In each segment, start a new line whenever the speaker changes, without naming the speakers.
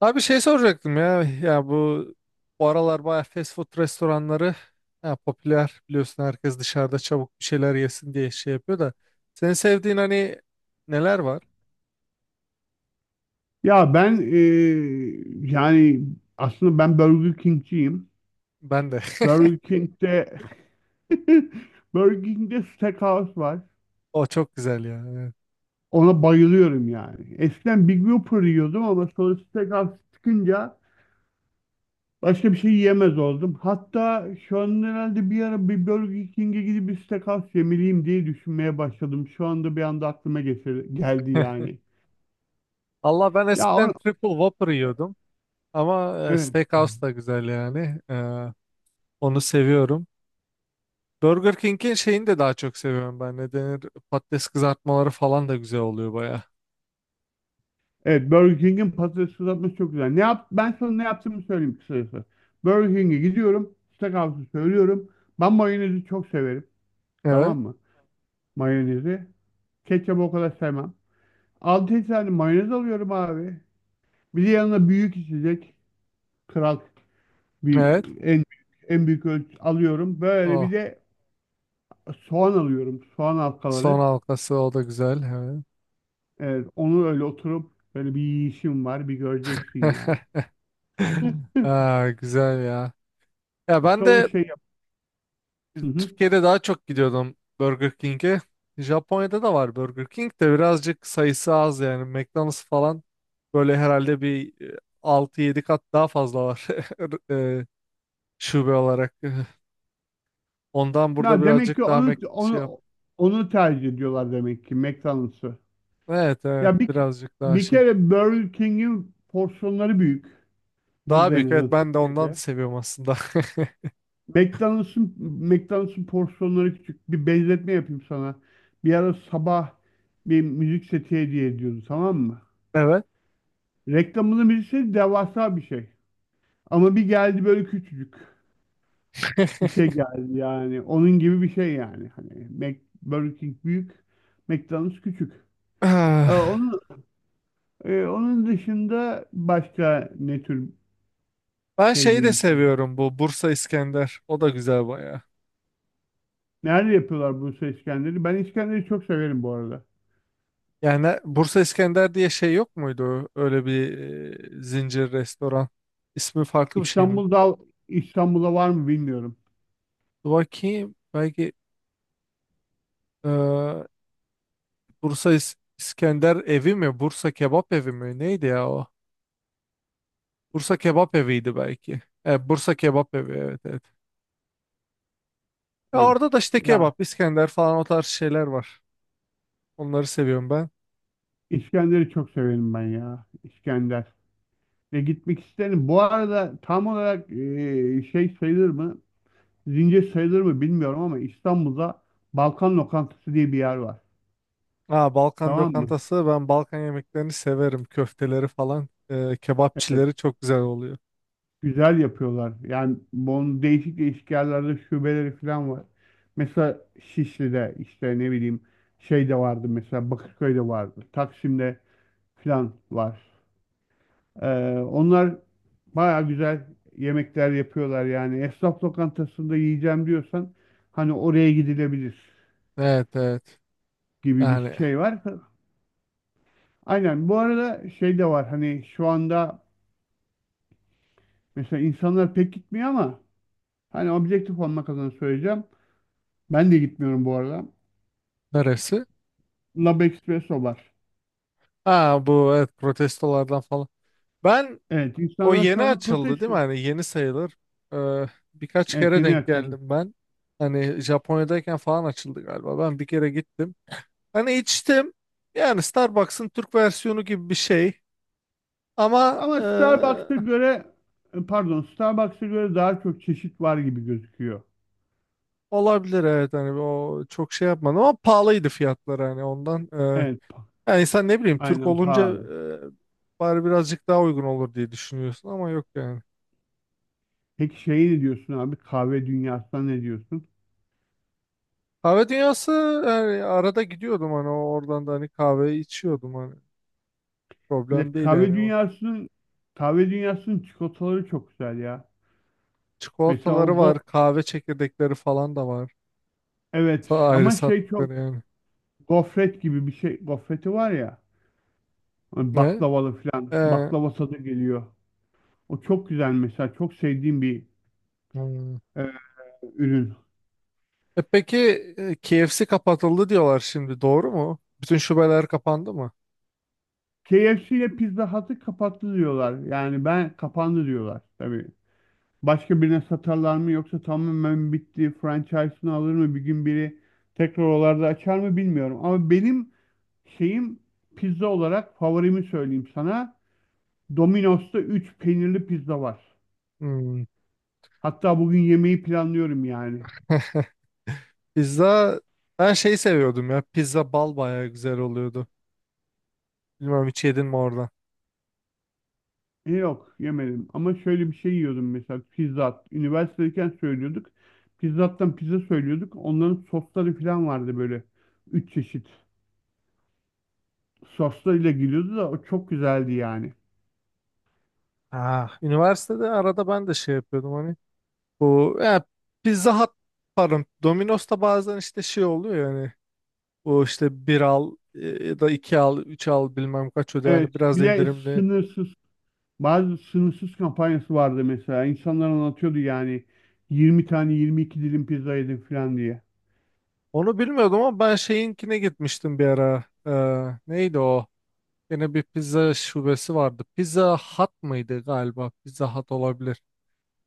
Abi şey soracaktım ya, bu aralar bayağı fast food restoranları ya popüler, biliyorsun, herkes dışarıda çabuk bir şeyler yesin diye şey yapıyor da senin sevdiğin hani neler var?
Ya ben yani aslında ben Burger King'ciyim.
Ben de.
Burger King'de Burger King'de Steakhouse var.
O çok güzel ya. Evet.
Ona bayılıyorum yani. Eskiden Big Whopper yiyordum ama sonra Steakhouse çıkınca başka bir şey yiyemez oldum. Hatta şu an herhalde bir ara bir Burger King'e gidip bir Steakhouse yemeliyim diye düşünmeye başladım. Şu anda bir anda aklıma geldi yani.
Allah, ben
Ya
eskiden Triple Whopper yiyordum ama
evet.
Steakhouse da güzel yani. Onu seviyorum. Burger King'in şeyini de daha çok seviyorum ben. Ne denir? Patates kızartmaları falan da güzel oluyor baya.
Evet, Burger King'in patates kızartması çok güzel. Ne yap Ben sana ne yaptığımı söyleyeyim kısacası. Burger King'e gidiyorum. Steakhouse'u söylüyorum. Ben mayonezi çok severim.
Evet.
Tamam mı? Mayonezi. Ketçapı o kadar sevmem. 6 tane mayonez alıyorum abi. Bir de yanına büyük içecek. Kral bir,
Evet.
en en büyük ölçü alıyorum. Böyle bir
Oh.
de soğan alıyorum. Soğan
Son
halkaları.
halkası o da güzel. Evet.
Evet, onu öyle oturup böyle bir yiyişim var. Bir göreceksin yani.
Aa, güzel ya. Ya
İşte
ben
onu
de
şey yap.
Türkiye'de daha çok gidiyordum Burger King'e. Japonya'da da var Burger King de, birazcık sayısı az yani. McDonald's falan böyle herhalde bir 6-7 kat daha fazla var, e, şube olarak. Ondan burada
Na demek ki
birazcık daha
onu
Mac şey yap.
onu onu tercih ediyorlar demek ki, McDonald's'ı.
Evet evet,
Ya bir
birazcık daha
bir
şey.
kere Burger King'in porsiyonları büyük.
Daha
Burada en
büyük, evet,
azından,
ben de ondan
Türkiye'de.
seviyorum aslında.
McDonald's'ın McDonald's'ın porsiyonları küçük. Bir benzetme yapayım sana. Bir ara sabah bir müzik seti hediye ediyordu, tamam mı?
Evet.
Reklamında müzik seti devasa bir şey. Ama bir geldi, böyle küçücük bir şey geldi yani. Onun gibi bir şey yani. Hani Mac, Burger King büyük, McDonald's küçük. Onun onun dışında başka ne tür
Ben şeyi de
sevdiğim bir şey var?
seviyorum, bu Bursa İskender. O da güzel bayağı.
Nerede yapıyorlar Bursa İskender'i? Ben İskender'i çok severim bu arada.
Yani Bursa İskender diye şey yok muydu? Öyle bir zincir restoran. İsmi farklı bir şey mi?
İstanbul'da İstanbul'da var mı bilmiyorum.
Dur bakayım. Belki e, İskender evi mi? Bursa Kebap evi mi? Neydi ya o? Bursa Kebap eviydi belki. Evet, Bursa Kebap evi, evet evet. Ya
Evet.
orada da işte
Ya,
kebap, İskender falan, o tarz şeyler var. Onları seviyorum ben.
İskender'i çok severim ben ya. İskender. Ve gitmek isterim. Bu arada tam olarak şey sayılır mı? Zincir sayılır mı bilmiyorum ama İstanbul'da Balkan Lokantası diye bir yer var.
Aa, Balkan
Tamam mı?
lokantası, ben Balkan yemeklerini severim. Köfteleri falan.
Evet.
Kebapçileri çok güzel oluyor.
Güzel yapıyorlar. Yani bunun değişik değişik yerlerde şubeleri falan var. Mesela Şişli'de, işte ne bileyim, şey de vardı, mesela Bakırköy'de vardı. Taksim'de falan var. Ee, Onlar baya güzel yemekler yapıyorlar yani. Esnaf lokantasında yiyeceğim diyorsan, hani oraya gidilebilir
Evet evet.
gibi bir
Yani
şey var. Aynen, bu arada şey de var, hani şu anda mesela insanlar pek gitmiyor ama, hani objektif olmak adına söyleyeceğim. Ben de gitmiyorum bu arada.
neresi?
Lab Espresso var.
Ha bu, evet, protestolardan falan. Ben
Evet,
o
insanlar şu
yeni
anda
açıldı değil
protesto.
mi? Hani yeni sayılır. Ee, Birkaç
Evet,
kere
yeni
denk
açıldı.
geldim ben. Hani Japonya'dayken falan açıldı galiba. Ben bir kere gittim. Hani içtim. Yani Starbucks'ın Türk versiyonu gibi bir şey. Ama
Ama Starbucks'a göre pardon, Starbucks'a göre daha çok çeşit var gibi gözüküyor.
olabilir, evet. Hani o çok şey yapmadım ama pahalıydı fiyatları hani, ondan.
Evet,
Yani insan, ne bileyim, Türk
aynen
olunca
pahalı.
bari birazcık daha uygun olur diye düşünüyorsun ama yok yani.
Peki şey ne diyorsun abi? Kahve dünyasına ne diyorsun?
Kahve dünyası, yani arada gidiyordum, hani oradan da hani kahve içiyordum hani,
Bir de
problem değil
kahve
yani o.
dünyasının kahve dünyasının çikolataları çok güzel ya. Mesela o
Çikolataları var, kahve çekirdekleri falan da var.
evet,
Ayrı
ama şey, çok
sattıkları yani.
gofret gibi bir şey. Gofreti var ya, hani
Ne
baklavalı falan.
Ee,
Baklava tadı geliyor. O çok güzel mesela. Çok sevdiğim bir
hmm.
e, ürün.
E peki, KFC kapatıldı diyorlar şimdi, doğru mu, bütün şubeler kapandı mı?
KFC ile Pizza Hut'ı kapattı diyorlar. Yani ben kapandı diyorlar. Tabii. Başka birine satarlar mı, yoksa tamamen bitti, franchise'ını alır mı bir gün biri, tekrar oralarda açar mı bilmiyorum. Ama benim şeyim, pizza olarak favorimi söyleyeyim sana. Domino's'ta 3 peynirli pizza var.
Hmm.
Hatta bugün yemeği planlıyorum yani.
Pizza, ben şey seviyordum ya, pizza bal bayağı güzel oluyordu, bilmiyorum hiç yedin mi orada.
Yok, yemedim ama şöyle bir şey yiyordum mesela, pizza. Üniversitedeyken söylüyorduk. Pizzattan pizza söylüyorduk. Onların sosları falan vardı böyle. Üç çeşit soslarıyla geliyordu da o çok güzeldi yani.
Ah, üniversitede arada ben de şey yapıyordum hani, bu ya Pizza Hut, pardon, Domino's'ta bazen işte şey oluyor yani, bu işte bir al, ya da iki al üç al bilmem kaç öde,
Evet,
yani biraz
bir de
indirimli.
sınırsız bazı sınırsız kampanyası vardı mesela. İnsanlar anlatıyordu yani, 20 tane 22 dilim pizza yedim falan diye.
Onu bilmiyordum ama ben şeyinkine gitmiştim bir ara. Neydi o? Yine bir pizza şubesi vardı. Pizza Hut mıydı galiba? Pizza Hut olabilir.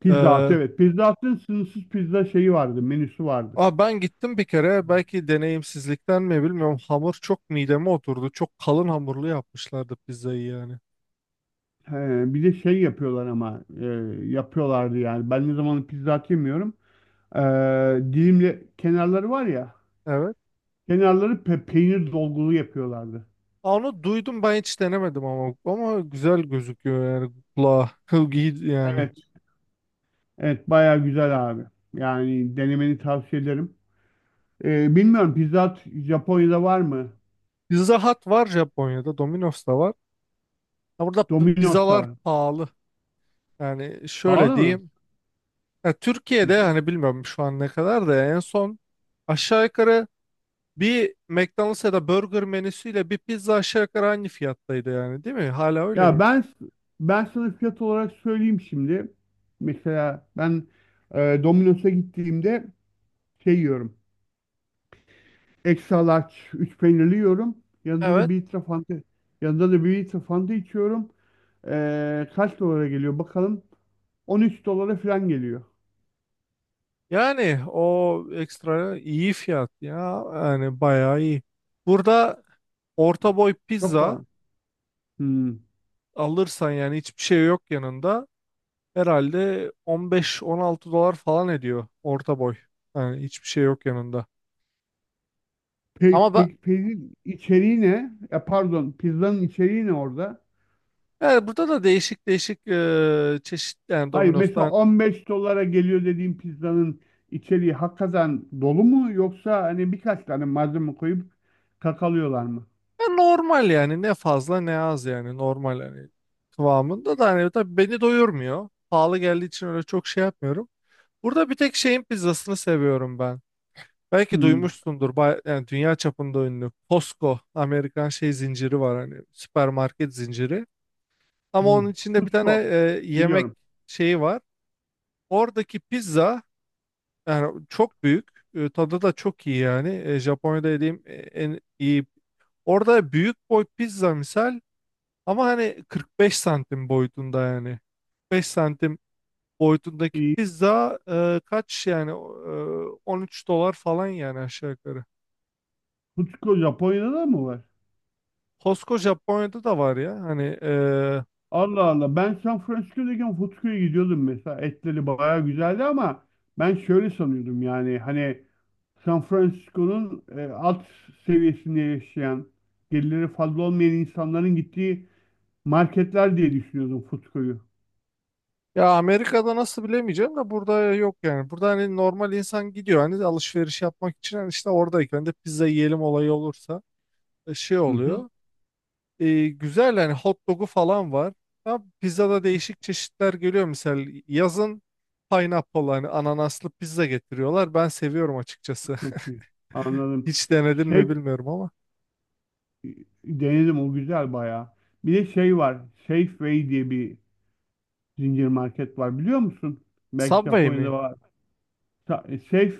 Pizza Hut,
Ee,
evet. Pizza Hut'ın sınırsız pizza şeyi vardı, menüsü vardı.
Aa, ben gittim bir kere, belki deneyimsizlikten mi bilmiyorum, hamur çok mideme oturdu. Çok kalın hamurlu yapmışlardı pizzayı yani.
He, Bir de şey yapıyorlar ama yapıyorlardı yani. Ben ne zaman pizza et yemiyorum. E, Dilimli kenarları var ya.
Evet.
Kenarları peynir dolgulu yapıyorlardı.
Aa, onu duydum ben, hiç denemedim ama, ama güzel gözüküyor yani kulağa. İyi yani.
Evet. Evet, baya güzel abi. Yani denemeni tavsiye ederim. Bilmiyorum, Pizza Hut Japonya'da var mı?
Pizza Hut var Japonya'da, Domino's da var. Ha, burada
Domino's'ta
pizzalar
var.
pahalı. Yani şöyle
Pahalı mı?
diyeyim. Ya
Hı
Türkiye'de,
hı.
hani bilmiyorum şu an ne kadar, da en son aşağı yukarı bir McDonald's ya da burger menüsüyle bir pizza aşağı yukarı aynı fiyattaydı yani, değil mi? Hala öyle
Ya
mi?
ben sana fiyat olarak söyleyeyim şimdi. Mesela ben Domino's'a gittiğimde şey yiyorum. Extra large 3 peynirli yiyorum. Yanında da
Evet.
bir litre fanta, yanında da bir litre fanta içiyorum. Kaç dolara geliyor bakalım. 13 dolara falan geliyor.
Yani o ekstra iyi fiyat ya. Yani bayağı iyi. Burada orta boy
Çok
pizza
pahalı. Hmm.
alırsan, yani hiçbir şey yok yanında, herhalde 15-16 dolar falan ediyor orta boy. Yani hiçbir şey yok yanında.
Pe
Ama ben
pe Peynir içeriği ne? Ya pardon, pizzanın içeriği ne orada?
yani burada da değişik değişik çeşit yani
Hayır, mesela
Domino's'tan,
15 dolara geliyor dediğim pizzanın içeriği hakikaten dolu mu, yoksa hani birkaç tane malzeme koyup kakalıyorlar mı?
ya normal yani, ne fazla ne az yani, normal yani, kıvamında da. Hani tabii beni doyurmuyor. Pahalı geldiği için öyle çok şey yapmıyorum. Burada bir tek şeyin pizzasını seviyorum ben. Belki
Hmm.
duymuşsundur, yani dünya çapında ünlü Costco, Amerikan şey zinciri var, hani süpermarket zinciri. Ama
Hmm.
onun içinde bir tane
Cusco
yemek
biliyorum.
şeyi var. Oradaki pizza yani çok büyük. Tadı da çok iyi yani. Japonya'da yediğim en iyi. Orada büyük boy pizza misal, ama hani 45 santim boyutunda yani. 45 santim boyutundaki
Ee,
pizza kaç yani, 13 dolar falan yani aşağı yukarı.
Cusco Japonya'da da mı var?
Costco Japonya'da da var ya, hani
Allah Allah. Ben San Francisco'dayken Footköy'e gidiyordum mesela. Etleri bayağı güzeldi ama ben şöyle sanıyordum yani, hani San Francisco'nun alt seviyesinde yaşayan, gelirleri fazla olmayan insanların gittiği marketler diye düşünüyordum Footköy'ü.
ya Amerika'da nasıl bilemeyeceğim de burada yok yani. Burada hani normal insan gidiyor hani alışveriş yapmak için, hani işte oradayken de pizza yiyelim olayı olursa şey
Hı hı.
oluyor. Güzel yani, hot dog'u falan var. Ama pizzada değişik çeşitler geliyor. Mesela yazın pineapple, hani ananaslı pizza getiriyorlar. Ben seviyorum açıkçası.
Çok şey. Anladım.
Hiç denedin mi
Safe
bilmiyorum ama.
e, Denedim, o güzel bayağı. Bir de şey var. Safeway diye bir zincir market var, biliyor musun? Belki
Subway
Japonya'da
mi?
var. Sa- e, Safe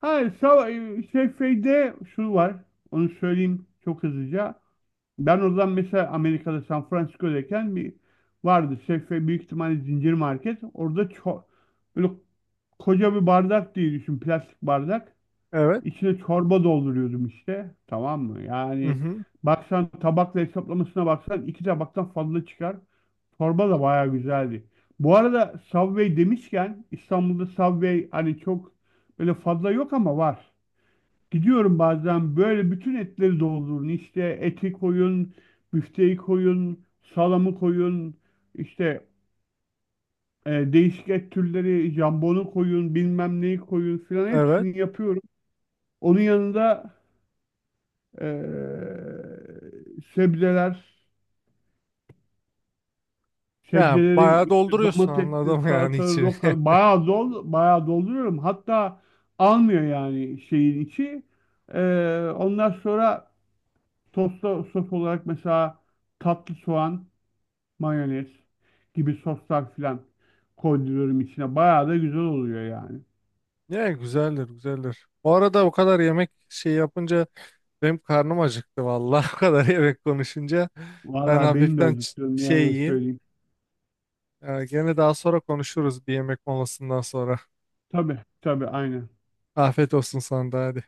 Ha, sava- şey, Şeyde şu var. Onu söyleyeyim çok hızlıca. Ben oradan mesela, Amerika'da San Francisco'dayken bir vardı. Safeway, büyük ihtimalle zincir market. Orada böyle koca bir bardak diye düşün. Plastik bardak.
Evet.
İçine çorba dolduruyordum işte. Tamam mı?
Hı
Yani
hı.
baksan, tabakla hesaplamasına baksan iki tabaktan fazla çıkar. Çorba da bayağı güzeldi. Bu arada, Subway demişken, İstanbul'da Subway hani çok böyle fazla yok ama var. Gidiyorum bazen, böyle bütün etleri doldurun. İşte eti koyun, büfteyi koyun, salamı koyun, işte değişik et türleri, jambonu koyun, bilmem neyi koyun filan,
Evet.
hepsini yapıyorum. Onun yanında e, sebzeler,
Yani
sebzeleri
bayağı
işte
dolduruyorsun,
domatesli,
anladım yani,
salatalı,
içini.
roka, bayağı dolduruyorum. Hatta almıyor yani, şeyin içi. E, Ondan sonra Tosta sos olarak mesela tatlı soğan, mayonez gibi soslar filan koyduruyorum içine. Bayağı da güzel oluyor yani.
Ne güzeldir güzeldir. Bu arada o kadar yemek şey yapınca benim karnım acıktı vallahi, o kadar yemek konuşunca. Ben
Vallahi benim de
hafiften
acıktığım ne
şey
yalan
yiyeyim.
söyleyeyim.
Gene daha sonra konuşuruz bir yemek molasından sonra.
Tabii tabii aynen.
Afiyet olsun sana da, hadi.